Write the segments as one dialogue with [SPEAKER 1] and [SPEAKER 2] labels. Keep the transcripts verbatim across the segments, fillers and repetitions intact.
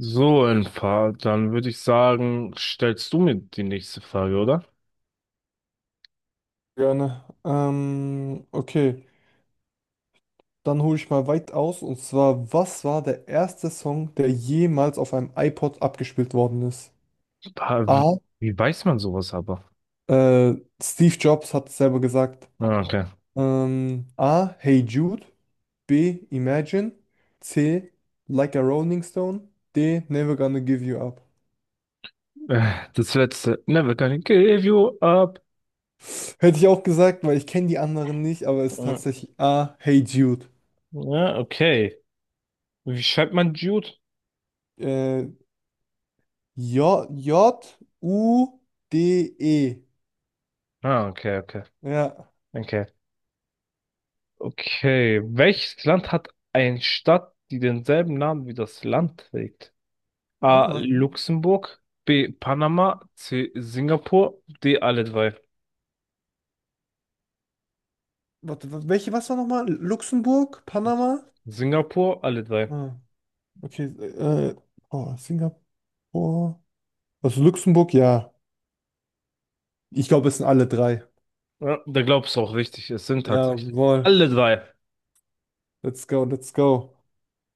[SPEAKER 1] So, ein paar, dann würde ich sagen, stellst du mir die nächste Frage, oder?
[SPEAKER 2] Gerne. Ähm, okay, dann hole ich mal weit aus. Und zwar, was war der erste Song, der jemals auf einem iPod abgespielt worden ist?
[SPEAKER 1] Pa- Wie,
[SPEAKER 2] A.
[SPEAKER 1] wie weiß man sowas aber?
[SPEAKER 2] Äh, Steve Jobs hat es selber gesagt.
[SPEAKER 1] Ah, okay.
[SPEAKER 2] Ähm, A. Hey Jude. B. Imagine. C. Like a Rolling Stone. D. Never Gonna Give You Up.
[SPEAKER 1] Äh, Das letzte. Never gonna give you up.
[SPEAKER 2] Hätte ich auch gesagt, weil ich kenne die anderen nicht, aber es ist
[SPEAKER 1] Mm,
[SPEAKER 2] tatsächlich A. Hey Jude.
[SPEAKER 1] ja, okay. Wie schreibt man Jude?
[SPEAKER 2] Äh, J. J. U. D. E.
[SPEAKER 1] Ah, okay, okay.
[SPEAKER 2] Ja.
[SPEAKER 1] Okay. Okay, welches Land hat eine Stadt, die denselben Namen wie das Land trägt?
[SPEAKER 2] Ah,
[SPEAKER 1] A.
[SPEAKER 2] warte,
[SPEAKER 1] Luxemburg, B. Panama, C. Singapur, D. Alle drei.
[SPEAKER 2] warte, wa- welche, was war nochmal? Luxemburg, Panama?
[SPEAKER 1] Singapur, alle drei.
[SPEAKER 2] Ah, okay, äh, oh, Singapur. Also Luxemburg, ja. Ich glaube, es sind alle drei.
[SPEAKER 1] Ja, da glaubst du auch richtig, es sind tatsächlich
[SPEAKER 2] Jawohl,
[SPEAKER 1] alle drei.
[SPEAKER 2] let's go, let's go.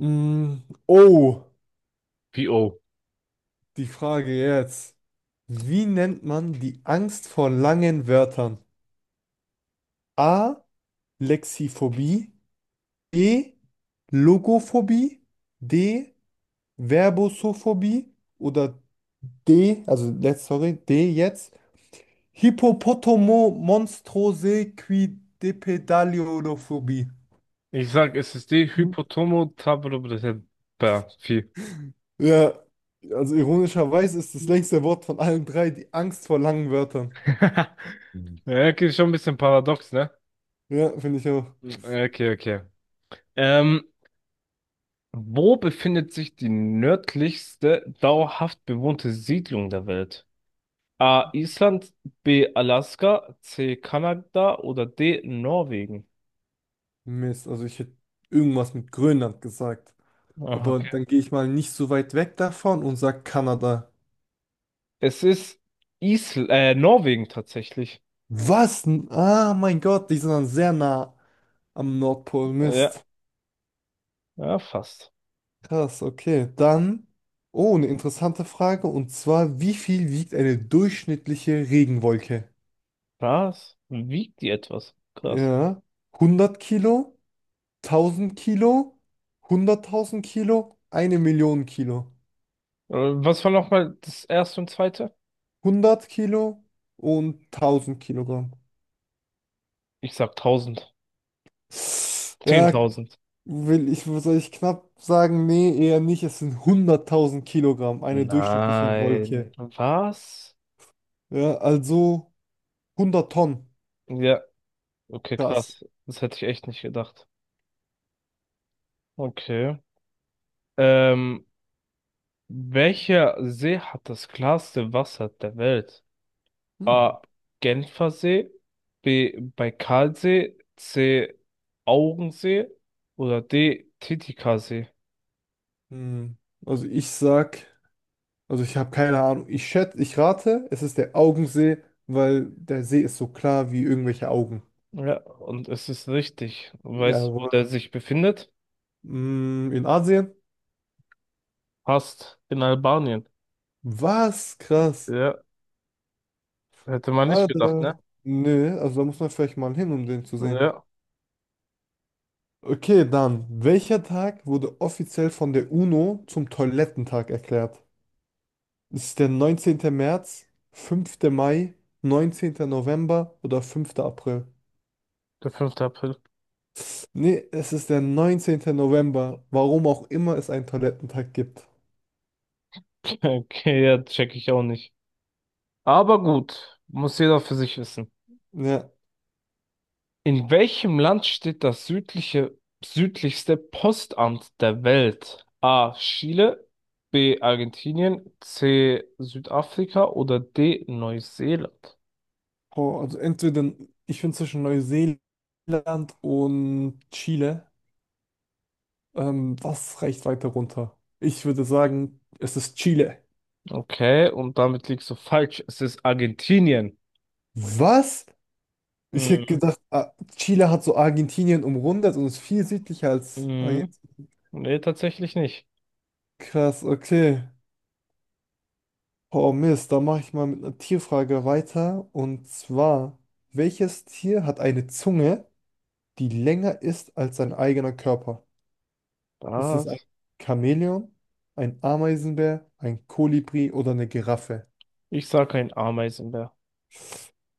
[SPEAKER 2] Mm, oh,
[SPEAKER 1] P O.
[SPEAKER 2] die Frage jetzt. Wie nennt man die Angst vor langen Wörtern? A. Lexiphobie. B. Logophobie. D. Verbosophobie. Oder D, also let's, sorry, D jetzt. Hippopotomo monstrose qui depedaliolophobie.
[SPEAKER 1] Ich sag, es ist die
[SPEAKER 2] Hm.
[SPEAKER 1] Hypotomo Tabrobrepapie. Mhm.
[SPEAKER 2] Ja, also ironischerweise ist das längste Wort von allen drei die Angst vor langen Wörtern.
[SPEAKER 1] Ja, okay, schon ein bisschen paradox, ne?
[SPEAKER 2] Ja, finde ich auch.
[SPEAKER 1] Okay, okay. Ähm, Wo befindet sich die nördlichste dauerhaft bewohnte Siedlung der Welt? A. Island, B. Alaska, C. Kanada oder D. Norwegen?
[SPEAKER 2] Mist, also ich hätte irgendwas mit Grönland gesagt.
[SPEAKER 1] Ah,
[SPEAKER 2] Aber
[SPEAKER 1] okay.
[SPEAKER 2] dann gehe ich mal nicht so weit weg davon und sage Kanada.
[SPEAKER 1] Es ist Isl äh, Norwegen tatsächlich.
[SPEAKER 2] Was? N- Ah, mein Gott, die sind dann sehr nah am Nordpol.
[SPEAKER 1] Ja,
[SPEAKER 2] Mist.
[SPEAKER 1] ja, fast.
[SPEAKER 2] Krass, okay. Dann, oh, eine interessante Frage. Und zwar, wie viel wiegt eine durchschnittliche Regenwolke?
[SPEAKER 1] Was? Wiegt die etwas? Krass.
[SPEAKER 2] Ja, hundert Kilo, tausend Kilo, hunderttausend Kilo, eine Million Kilo.
[SPEAKER 1] Äh, was war nochmal das erste und zweite?
[SPEAKER 2] Hundert Kilo und tausend Kilogramm.
[SPEAKER 1] Ich sag tausend.
[SPEAKER 2] Ja,
[SPEAKER 1] zehntausend.
[SPEAKER 2] will ich, soll ich knapp sagen? Nee, eher nicht. Es sind hunderttausend Kilogramm, eine durchschnittliche
[SPEAKER 1] Nein.
[SPEAKER 2] Wolke.
[SPEAKER 1] Was?
[SPEAKER 2] Ja, also hundert Tonnen.
[SPEAKER 1] Ja, okay,
[SPEAKER 2] Krass.
[SPEAKER 1] krass. Das hätte ich echt nicht gedacht. Okay. Ähm, welcher See hat das klarste Wasser der Welt?
[SPEAKER 2] Hm.
[SPEAKER 1] A. Genfer See, B. Baikalsee, C. Augensee oder D. Titicacasee.
[SPEAKER 2] Hm. Also ich sag, also ich habe keine Ahnung. Ich schätze, ich rate, es ist der Augensee, weil der See ist so klar wie irgendwelche Augen.
[SPEAKER 1] Ja, und es ist richtig. Weißt du, wo der
[SPEAKER 2] Jawohl.
[SPEAKER 1] sich befindet?
[SPEAKER 2] Hm, in Asien?
[SPEAKER 1] Passt, in Albanien.
[SPEAKER 2] Was? Krass.
[SPEAKER 1] Ja, hätte man nicht
[SPEAKER 2] Ah,
[SPEAKER 1] gedacht,
[SPEAKER 2] da.
[SPEAKER 1] ne?
[SPEAKER 2] Nö, also da muss man vielleicht mal hin, um den zu sehen.
[SPEAKER 1] Ja,
[SPEAKER 2] Okay, dann. Welcher Tag wurde offiziell von der UNO zum Toilettentag erklärt? Ist es der neunzehnte März, fünfte Mai, neunzehnte November oder fünfte April?
[SPEAKER 1] der fünfte April.
[SPEAKER 2] Nee, es ist der neunzehnte November, warum auch immer es einen Toilettentag gibt.
[SPEAKER 1] Okay, ja, check ich auch nicht. Aber gut, muss jeder für sich wissen.
[SPEAKER 2] Ja,
[SPEAKER 1] In welchem Land steht das südliche, südlichste Postamt der Welt? A. Chile, B. Argentinien, C. Südafrika oder D. Neuseeland?
[SPEAKER 2] oh, also entweder, ich bin zwischen Neuseeland und Chile. Ähm, was reicht weiter runter? Ich würde sagen, es ist Chile.
[SPEAKER 1] Okay, und damit liegst du falsch. Es ist Argentinien.
[SPEAKER 2] Was? Ich hätte
[SPEAKER 1] Mhm.
[SPEAKER 2] gedacht, ah, Chile hat so Argentinien umrundet und ist viel südlicher als Argentinien.
[SPEAKER 1] Mhm. Nee, tatsächlich nicht.
[SPEAKER 2] Krass, okay. Oh Mist, da mache ich mal mit einer Tierfrage weiter. Und zwar, welches Tier hat eine Zunge, die länger ist als sein eigener Körper? Ist es ein
[SPEAKER 1] Was?
[SPEAKER 2] Chamäleon, ein Ameisenbär, ein Kolibri oder eine Giraffe?
[SPEAKER 1] Ich sag ein Ameisenbär.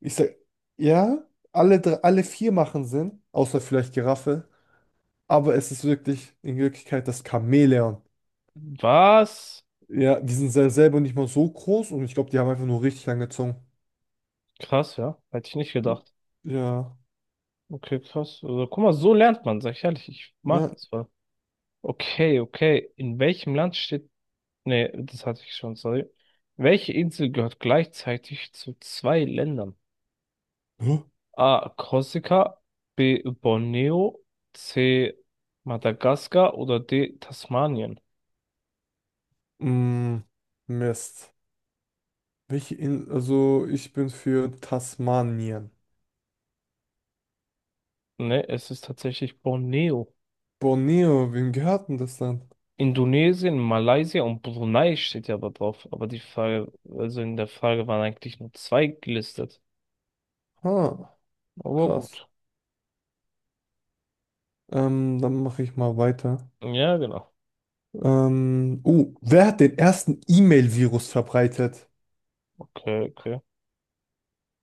[SPEAKER 2] Ich sag, ja, alle, drei, alle vier machen Sinn, außer vielleicht Giraffe, aber es ist wirklich in Wirklichkeit das Chamäleon.
[SPEAKER 1] Was?
[SPEAKER 2] Ja, die sind sel- selber nicht mal so groß und ich glaube, die haben einfach nur richtig lange Zungen.
[SPEAKER 1] Krass, ja. Hätte ich nicht
[SPEAKER 2] Hm,
[SPEAKER 1] gedacht.
[SPEAKER 2] ja,
[SPEAKER 1] Okay, krass. Also, guck mal, so lernt man, sag ich ehrlich. Ich mag
[SPEAKER 2] ja.
[SPEAKER 1] das voll. Okay, okay. In welchem Land steht Nee, das hatte ich schon, sorry. Welche Insel gehört gleichzeitig zu zwei Ländern?
[SPEAKER 2] Hä?
[SPEAKER 1] A. Korsika, B. Borneo, C. Madagaskar oder D. Tasmanien?
[SPEAKER 2] Mm, Mist. Welche In Also ich bin für Tasmanien.
[SPEAKER 1] Ne, es ist tatsächlich Borneo.
[SPEAKER 2] Borneo, wem gehört denn das dann?
[SPEAKER 1] Indonesien, Malaysia und Brunei steht ja aber drauf. Aber die Frage, also in der Frage waren eigentlich nur zwei gelistet.
[SPEAKER 2] Ah,
[SPEAKER 1] Aber
[SPEAKER 2] krass.
[SPEAKER 1] gut.
[SPEAKER 2] Ähm, dann mache ich mal weiter.
[SPEAKER 1] Ja, genau.
[SPEAKER 2] Ähm, uh, wer hat den ersten E-Mail-Virus verbreitet?
[SPEAKER 1] Okay, okay.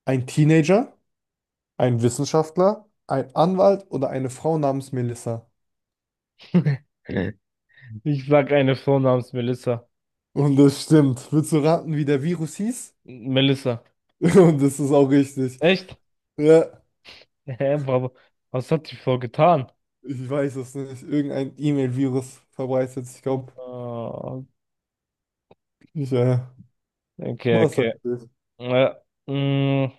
[SPEAKER 2] Ein Teenager, ein Wissenschaftler, ein Anwalt oder eine Frau namens Melissa?
[SPEAKER 1] Ich sag eine Frau namens Melissa.
[SPEAKER 2] Und das stimmt. Willst du raten, wie der Virus hieß?
[SPEAKER 1] Melissa.
[SPEAKER 2] Und das ist auch richtig.
[SPEAKER 1] Echt?
[SPEAKER 2] Ja,
[SPEAKER 1] Hä, aber was hat die Frau getan?
[SPEAKER 2] ich weiß es nicht. Irgendein E-Mail-Virus verbreitet. Ich glaube,
[SPEAKER 1] Ah,
[SPEAKER 2] ich, äh,
[SPEAKER 1] okay,
[SPEAKER 2] was heißt
[SPEAKER 1] okay.
[SPEAKER 2] das?
[SPEAKER 1] Äh, mh,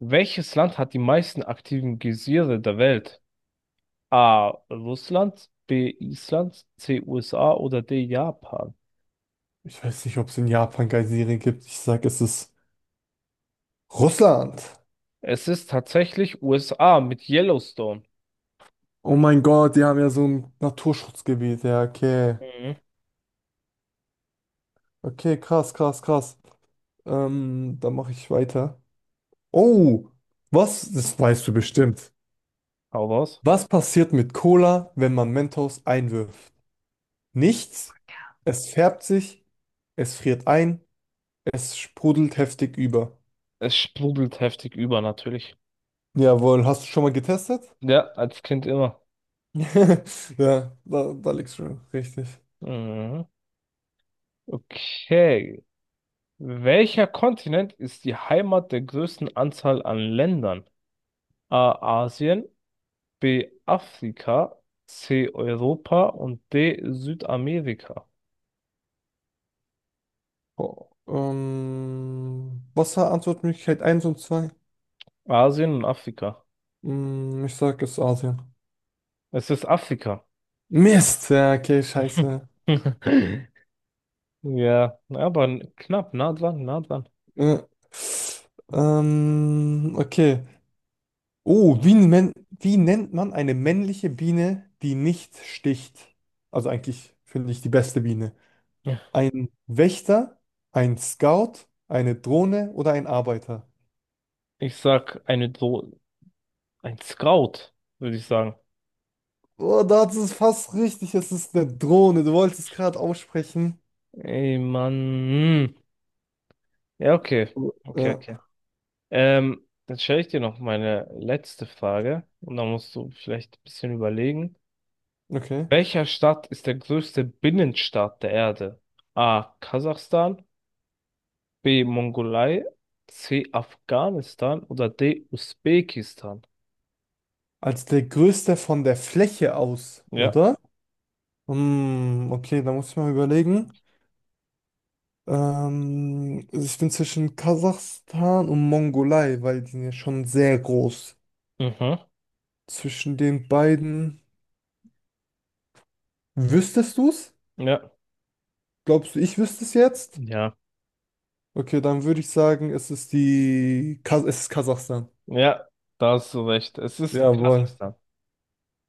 [SPEAKER 1] welches Land hat die meisten aktiven Geysire der Welt? A. Russland, B. Island, C. U S A oder D. Japan?
[SPEAKER 2] Ich weiß nicht, ob es in Japan keine Serien gibt. Ich sag, es ist Russland.
[SPEAKER 1] Es ist tatsächlich U S A mit Yellowstone.
[SPEAKER 2] Oh mein Gott, die haben ja so ein Naturschutzgebiet. Ja, okay.
[SPEAKER 1] Mhm.
[SPEAKER 2] Okay, krass, krass, krass. Ähm, dann mache ich weiter. Oh, was? Das weißt du bestimmt.
[SPEAKER 1] Hau raus.
[SPEAKER 2] Was passiert mit Cola, wenn man Mentos einwirft? Nichts. Es färbt sich, es friert ein, es sprudelt heftig über.
[SPEAKER 1] Es sprudelt heftig über, natürlich.
[SPEAKER 2] Jawohl, hast du schon mal getestet?
[SPEAKER 1] Ja, als Kind immer.
[SPEAKER 2] Ja, da, da liegst du richtig.
[SPEAKER 1] Mhm. Okay. Welcher Kontinent ist die Heimat der größten Anzahl an Ländern? A Asien, B Afrika, C Europa und D Südamerika.
[SPEAKER 2] Oh, ähm, was war Antwortmöglichkeit eins und zwei.
[SPEAKER 1] Asien und Afrika.
[SPEAKER 2] Hm, ich sag jetzt Asien.
[SPEAKER 1] Es ist Afrika.
[SPEAKER 2] Mist! Ja, okay, scheiße.
[SPEAKER 1] Ja, aber n- knapp, nah dran, nah dran.
[SPEAKER 2] Äh, ähm, okay. Oh, wie, men wie nennt man eine männliche Biene, die nicht sticht? Also eigentlich finde ich die beste Biene.
[SPEAKER 1] Ja.
[SPEAKER 2] Ein Wächter, ein Scout, eine Drohne oder ein Arbeiter?
[SPEAKER 1] Ich sag eine Do ein Scout, würde ich sagen.
[SPEAKER 2] Oh, da ist es fast richtig. Es ist eine Drohne. Du wolltest es gerade aussprechen.
[SPEAKER 1] Ey, Mann. Hm. Ja, okay. Okay,
[SPEAKER 2] Ja,
[SPEAKER 1] okay. Ähm, dann stelle ich dir noch meine letzte Frage und dann musst du vielleicht ein bisschen überlegen.
[SPEAKER 2] okay.
[SPEAKER 1] Welcher Staat ist der größte Binnenstaat der Erde? A. Kasachstan, B. Mongolei, C. Afghanistan oder D. Usbekistan?
[SPEAKER 2] Als der größte von der Fläche aus,
[SPEAKER 1] Ja,
[SPEAKER 2] oder? Hm, okay, da muss ich mal überlegen. Ähm, ich bin zwischen Kasachstan und Mongolei, weil die sind ja schon sehr groß.
[SPEAKER 1] mhm,
[SPEAKER 2] Zwischen den beiden wüsstest du es?
[SPEAKER 1] ja,
[SPEAKER 2] Glaubst du, ich wüsste es jetzt?
[SPEAKER 1] ja,
[SPEAKER 2] Okay, dann würde ich sagen, es ist die Kas es ist Kasachstan.
[SPEAKER 1] ja, da hast du recht. Es ist
[SPEAKER 2] Jawohl.
[SPEAKER 1] Kasachstan.